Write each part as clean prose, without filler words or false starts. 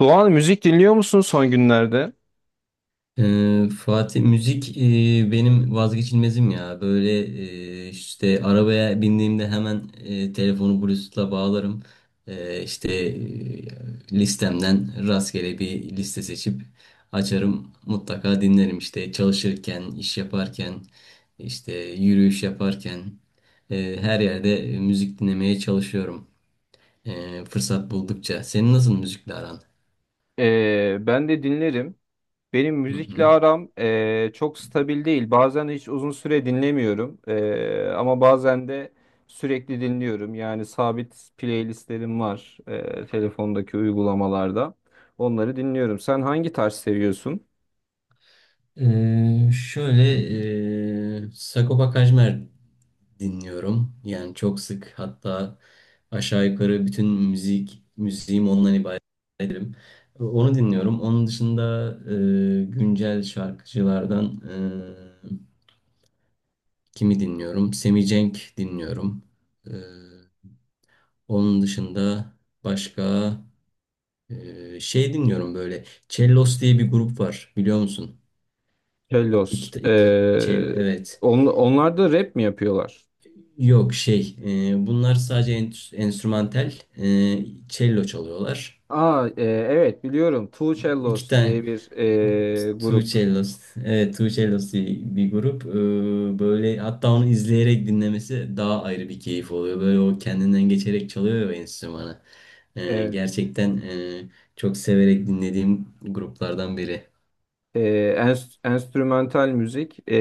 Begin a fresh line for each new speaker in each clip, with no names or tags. Doğan, müzik dinliyor musun son günlerde?
Fatih müzik benim vazgeçilmezim ya. Böyle işte arabaya bindiğimde hemen telefonu Bluetooth'la bağlarım. Listemden rastgele bir liste seçip açarım. Mutlaka dinlerim işte çalışırken, iş yaparken, işte yürüyüş yaparken. Her yerde müzik dinlemeye çalışıyorum. Fırsat buldukça. Senin nasıl müzikle aran?
Ben de dinlerim. Benim
Hı
müzikle
hı.
aram çok stabil değil. Bazen hiç uzun süre dinlemiyorum. Ama bazen de sürekli dinliyorum. Yani sabit playlistlerim var telefondaki uygulamalarda. Onları dinliyorum. Sen hangi tarz seviyorsun?
Şöyle Sagopa Kajmer dinliyorum. Yani çok sık hatta aşağı yukarı bütün müziğim ondan ibaret ederim. Onu dinliyorum. Onun dışında güncel şarkıcılardan kimi dinliyorum? Semih Cenk dinliyorum. Ee, Onun dışında başka şey dinliyorum böyle. Cellos diye bir grup var biliyor musun?
Hellos.
Evet.
Onlar da rap mi yapıyorlar?
Yok şey, bunlar sadece enstrümantal. Cello çalıyorlar.
Aa, evet biliyorum. Two
İki
Cellos diye
tane
bir
e, Two
grup.
Cellos. Evet, Two Cellos diye bir grup. Böyle hatta onu izleyerek dinlemesi daha ayrı bir keyif oluyor. Böyle o kendinden geçerek çalıyor ya enstrümanı. E,
Evet.
gerçekten e, çok severek dinlediğim gruplardan biri.
E, Enstrümantal müzik,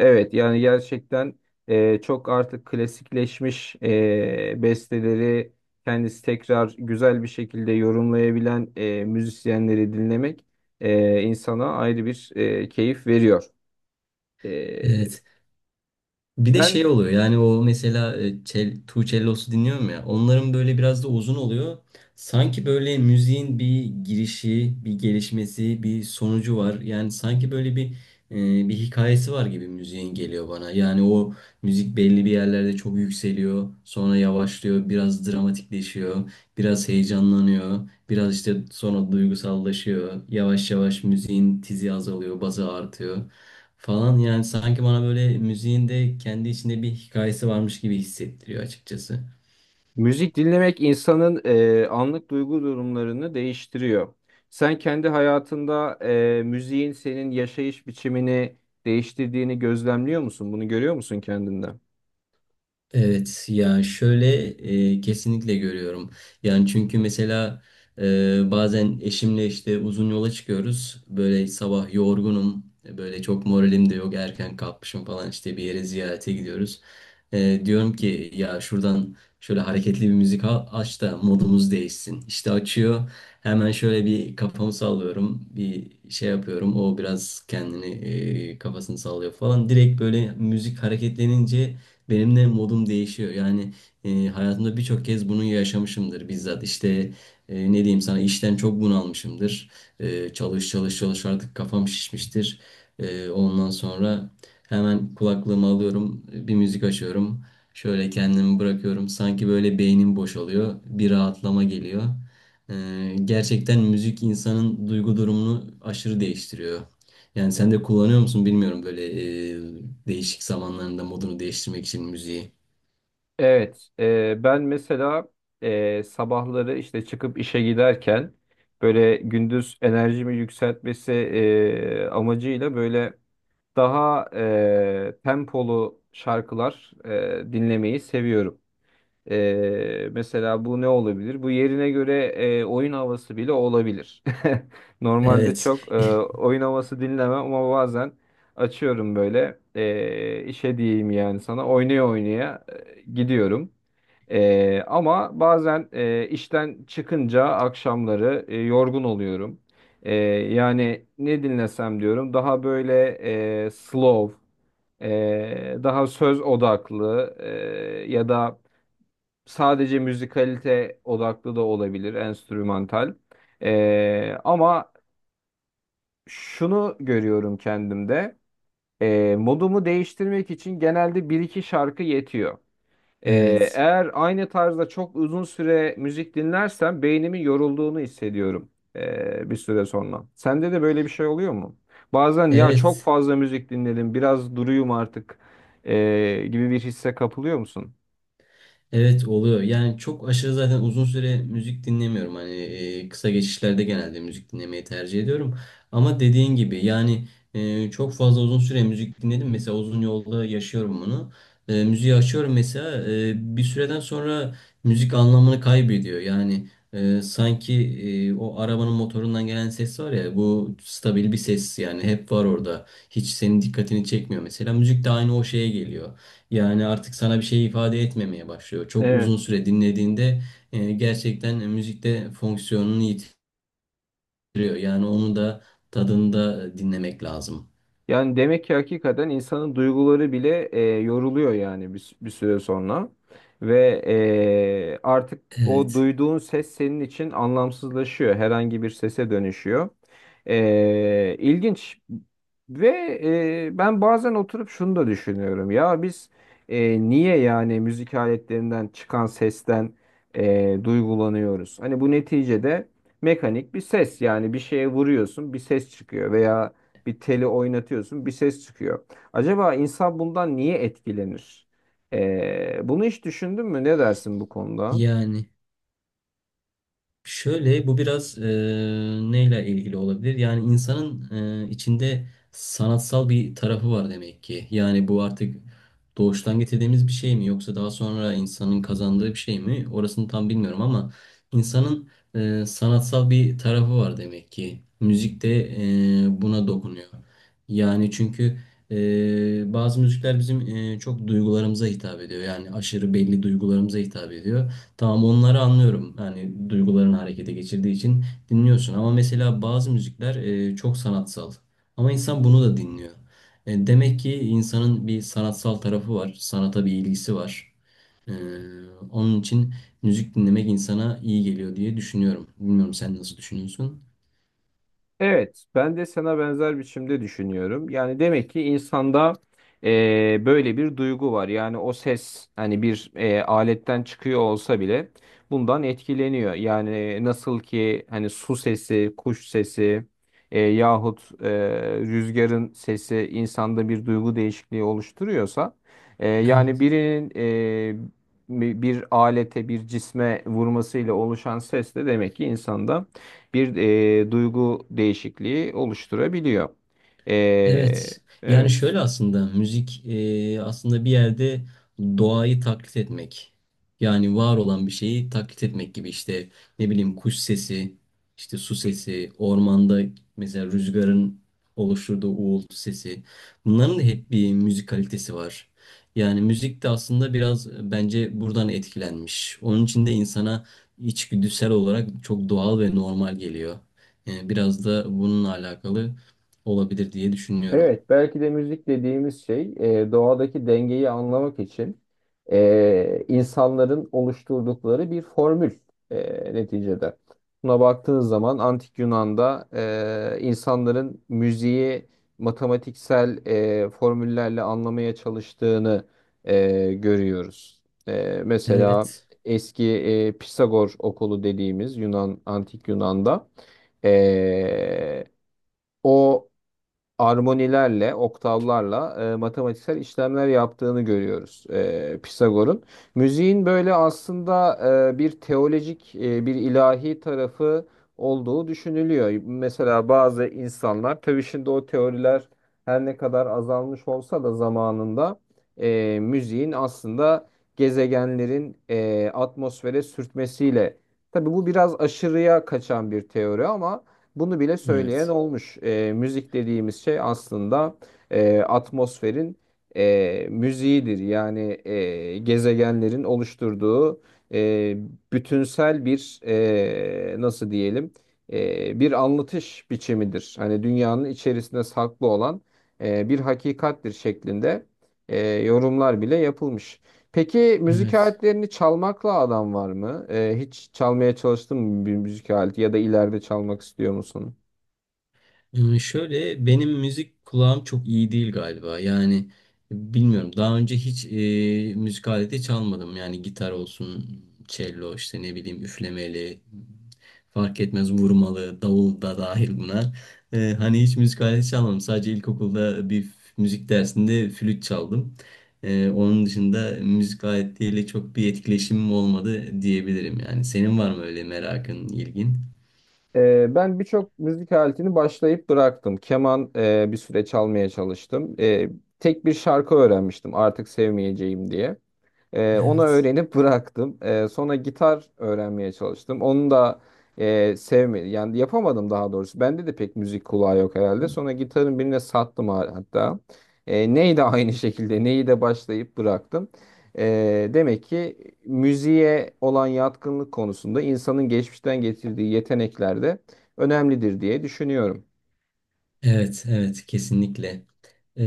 evet, yani gerçekten çok artık klasikleşmiş besteleri kendisi tekrar güzel bir şekilde yorumlayabilen müzisyenleri dinlemek insana ayrı bir keyif veriyor. E,
Evet. Bir de
ben
şey oluyor yani o mesela Tuğçellos'u dinliyorum ya onların böyle biraz da uzun oluyor. Sanki böyle müziğin bir girişi, bir gelişmesi, bir sonucu var. Yani sanki böyle bir hikayesi var gibi müziğin geliyor bana. Yani o müzik belli bir yerlerde çok yükseliyor, sonra yavaşlıyor, biraz dramatikleşiyor, biraz heyecanlanıyor. Biraz işte sonra duygusallaşıyor. Yavaş yavaş müziğin tizi azalıyor, bazı artıyor falan. Yani sanki bana böyle müziğin de kendi içinde bir hikayesi varmış gibi hissettiriyor açıkçası.
Müzik dinlemek insanın anlık duygu durumlarını değiştiriyor. Sen kendi hayatında müziğin senin yaşayış biçimini değiştirdiğini gözlemliyor musun? Bunu görüyor musun kendinde?
Evet ya şöyle kesinlikle görüyorum. Yani çünkü mesela bazen eşimle işte uzun yola çıkıyoruz. Böyle sabah yorgunum. Böyle çok moralim de yok. Erken kalkmışım falan işte bir yere ziyarete gidiyoruz. Diyorum ki ya şuradan şöyle hareketli bir müzik aç da modumuz değişsin. İşte açıyor. Hemen şöyle bir kafamı sallıyorum. Bir şey yapıyorum. O biraz kendini kafasını sallıyor falan. Direkt böyle müzik hareketlenince benim de modum değişiyor. Yani hayatımda birçok kez bunu yaşamışımdır bizzat. İşte ne diyeyim sana işten çok bunalmışımdır. Çalış çalış çalış artık kafam şişmiştir. Ondan sonra hemen kulaklığımı alıyorum, bir müzik açıyorum. Şöyle kendimi bırakıyorum. Sanki böyle beynim boşalıyor. Bir rahatlama geliyor. Gerçekten müzik insanın duygu durumunu aşırı değiştiriyor. Yani sen de kullanıyor musun bilmiyorum böyle değişik zamanlarında modunu değiştirmek için müziği.
Evet, ben mesela sabahları işte çıkıp işe giderken böyle gündüz enerjimi yükseltmesi amacıyla böyle daha tempolu şarkılar dinlemeyi seviyorum. Mesela bu ne olabilir? Bu yerine göre oyun havası bile olabilir. Normalde
Evet,
çok oyun havası dinlemem ama bazen açıyorum böyle, işe diyeyim yani sana, oynaya oynaya gidiyorum. Ama bazen işten çıkınca akşamları yorgun oluyorum. Ee, Yani ne dinlesem diyorum, daha böyle slow, daha söz odaklı, ya da sadece müzikalite odaklı da olabilir, enstrümantal. Ama şunu görüyorum kendimde. Modumu değiştirmek için genelde bir iki şarkı yetiyor. Ee,
evet,
Eğer aynı tarzda çok uzun süre müzik dinlersem beynimin yorulduğunu hissediyorum bir süre sonra. Sende de böyle bir şey oluyor mu? Bazen "ya çok
evet.
fazla müzik dinledim, biraz duruyum artık gibi" bir hisse kapılıyor musun?
Evet oluyor. Yani çok aşırı zaten uzun süre müzik dinlemiyorum. Hani kısa geçişlerde genelde müzik dinlemeyi tercih ediyorum. Ama dediğin gibi yani çok fazla uzun süre müzik dinledim. Mesela uzun yolda yaşıyorum bunu. Müziği açıyorum mesela bir süreden sonra müzik anlamını kaybediyor. Yani sanki o arabanın motorundan gelen ses var ya bu stabil bir ses yani hep var orada. Hiç senin dikkatini çekmiyor mesela. Müzik de aynı o şeye geliyor. Yani artık sana bir şey ifade etmemeye başlıyor. Çok uzun süre dinlediğinde gerçekten müzikte fonksiyonunu yitiriyor. Yani onu da tadında dinlemek lazım.
Yani demek ki hakikaten insanın duyguları bile yoruluyor yani bir süre sonra. Ve artık o
Evet.
duyduğun ses senin için anlamsızlaşıyor. Herhangi bir sese dönüşüyor. İlginç. Ve ben bazen oturup şunu da düşünüyorum. Ya biz niye yani müzik aletlerinden çıkan sesten duygulanıyoruz? Hani bu neticede mekanik bir ses, yani bir şeye vuruyorsun bir ses çıkıyor veya bir teli oynatıyorsun, bir ses çıkıyor. Acaba insan bundan niye etkilenir? Bunu hiç düşündün mü? Ne dersin bu konuda?
Yani. Şöyle bu biraz neyle ilgili olabilir? Yani insanın içinde sanatsal bir tarafı var demek ki. Yani bu artık doğuştan getirdiğimiz bir şey mi yoksa daha sonra insanın kazandığı bir şey mi? Orasını tam bilmiyorum ama insanın sanatsal bir tarafı var demek ki. Müzik de buna dokunuyor. Yani çünkü bazı müzikler bizim çok duygularımıza hitap ediyor. Yani aşırı belli duygularımıza hitap ediyor. Tamam onları anlıyorum. Yani duygularını harekete geçirdiği için dinliyorsun. Ama mesela bazı müzikler çok sanatsal. Ama insan bunu da dinliyor. Demek ki insanın bir sanatsal tarafı var. Sanata bir ilgisi var. E, Onun için müzik dinlemek insana iyi geliyor diye düşünüyorum. Bilmiyorum sen nasıl düşünüyorsun?
Evet, ben de sana benzer biçimde düşünüyorum. Yani demek ki insanda böyle bir duygu var. Yani o ses hani bir aletten çıkıyor olsa bile bundan etkileniyor. Yani nasıl ki hani su sesi, kuş sesi, yahut rüzgarın sesi insanda bir duygu değişikliği oluşturuyorsa, yani birinin bir alete, bir cisme vurmasıyla oluşan ses de demek ki insanda bir duygu değişikliği oluşturabiliyor. E,
Evet. Yani
evet.
şöyle aslında müzik aslında bir yerde doğayı taklit etmek. Yani var olan bir şeyi taklit etmek gibi işte ne bileyim kuş sesi, işte su sesi, ormanda mesela rüzgarın oluşturduğu uğultu sesi. Bunların da hep bir müzik kalitesi var. Yani müzik de aslında biraz bence buradan etkilenmiş. Onun için de insana içgüdüsel olarak çok doğal ve normal geliyor. Yani biraz da bununla alakalı olabilir diye düşünüyorum.
Evet, belki de müzik dediğimiz şey doğadaki dengeyi anlamak için insanların oluşturdukları bir formül, neticede. Buna baktığınız zaman Antik Yunan'da insanların müziği matematiksel formüllerle anlamaya çalıştığını görüyoruz. Mesela
Evet,
eski Pisagor okulu dediğimiz Yunan Antik Yunan'da e, o armonilerle, oktavlarla matematiksel işlemler yaptığını görüyoruz, Pisagor'un. Müziğin böyle aslında bir teolojik, bir ilahi tarafı olduğu düşünülüyor. Mesela bazı insanlar, tabii şimdi o teoriler her ne kadar azalmış olsa da zamanında müziğin aslında gezegenlerin atmosfere sürtmesiyle, tabii bu biraz aşırıya kaçan bir teori ama bunu bile söyleyen
evet,
olmuş. Müzik dediğimiz şey aslında atmosferin müziğidir. Yani gezegenlerin oluşturduğu e, bütünsel bir, nasıl diyelim, bir anlatış biçimidir. Hani dünyanın içerisinde saklı olan bir hakikattir şeklinde yorumlar bile yapılmış. Peki müzik
evet.
aletlerini çalmakla adam var mı? Hiç çalmaya çalıştın mı bir müzik aleti ya da ileride çalmak istiyor musun?
Hmm, şöyle benim müzik kulağım çok iyi değil galiba. Yani bilmiyorum. Daha önce hiç müzik aleti çalmadım. Yani gitar olsun, cello işte ne bileyim üflemeli, fark etmez vurmalı, davul da dahil buna. Hani hiç müzik aleti çalmadım. Sadece ilkokulda bir müzik dersinde flüt çaldım. Onun dışında müzik aletiyle çok bir etkileşimim olmadı diyebilirim yani. Senin var mı öyle merakın, ilgin?
Ben birçok müzik aletini başlayıp bıraktım. Keman bir süre çalmaya çalıştım. Tek bir şarkı öğrenmiştim artık sevmeyeceğim diye. Onu
Evet.
öğrenip bıraktım. Sonra gitar öğrenmeye çalıştım. Onu da sevmedim. Yani yapamadım daha doğrusu. Bende de pek müzik kulağı yok herhalde. Sonra gitarın birine sattım, hatta. Neyi de aynı şekilde neyi de başlayıp bıraktım. Demek ki müziğe olan yatkınlık konusunda insanın geçmişten getirdiği yetenekler de önemlidir diye düşünüyorum.
Evet, evet, kesinlikle. Ee,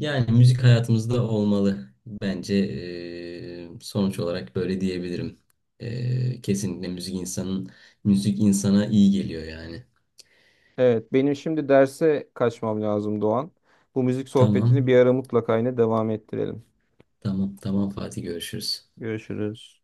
Yani müzik hayatımızda olmalı. Bence sonuç olarak böyle diyebilirim. Kesinlikle müzik insanın, müzik insana iyi geliyor yani.
Evet, benim şimdi derse kaçmam lazım Doğan. Bu müzik
Tamam,
sohbetini bir ara mutlaka yine devam ettirelim.
tamam, tamam Fatih görüşürüz.
Görüşürüz.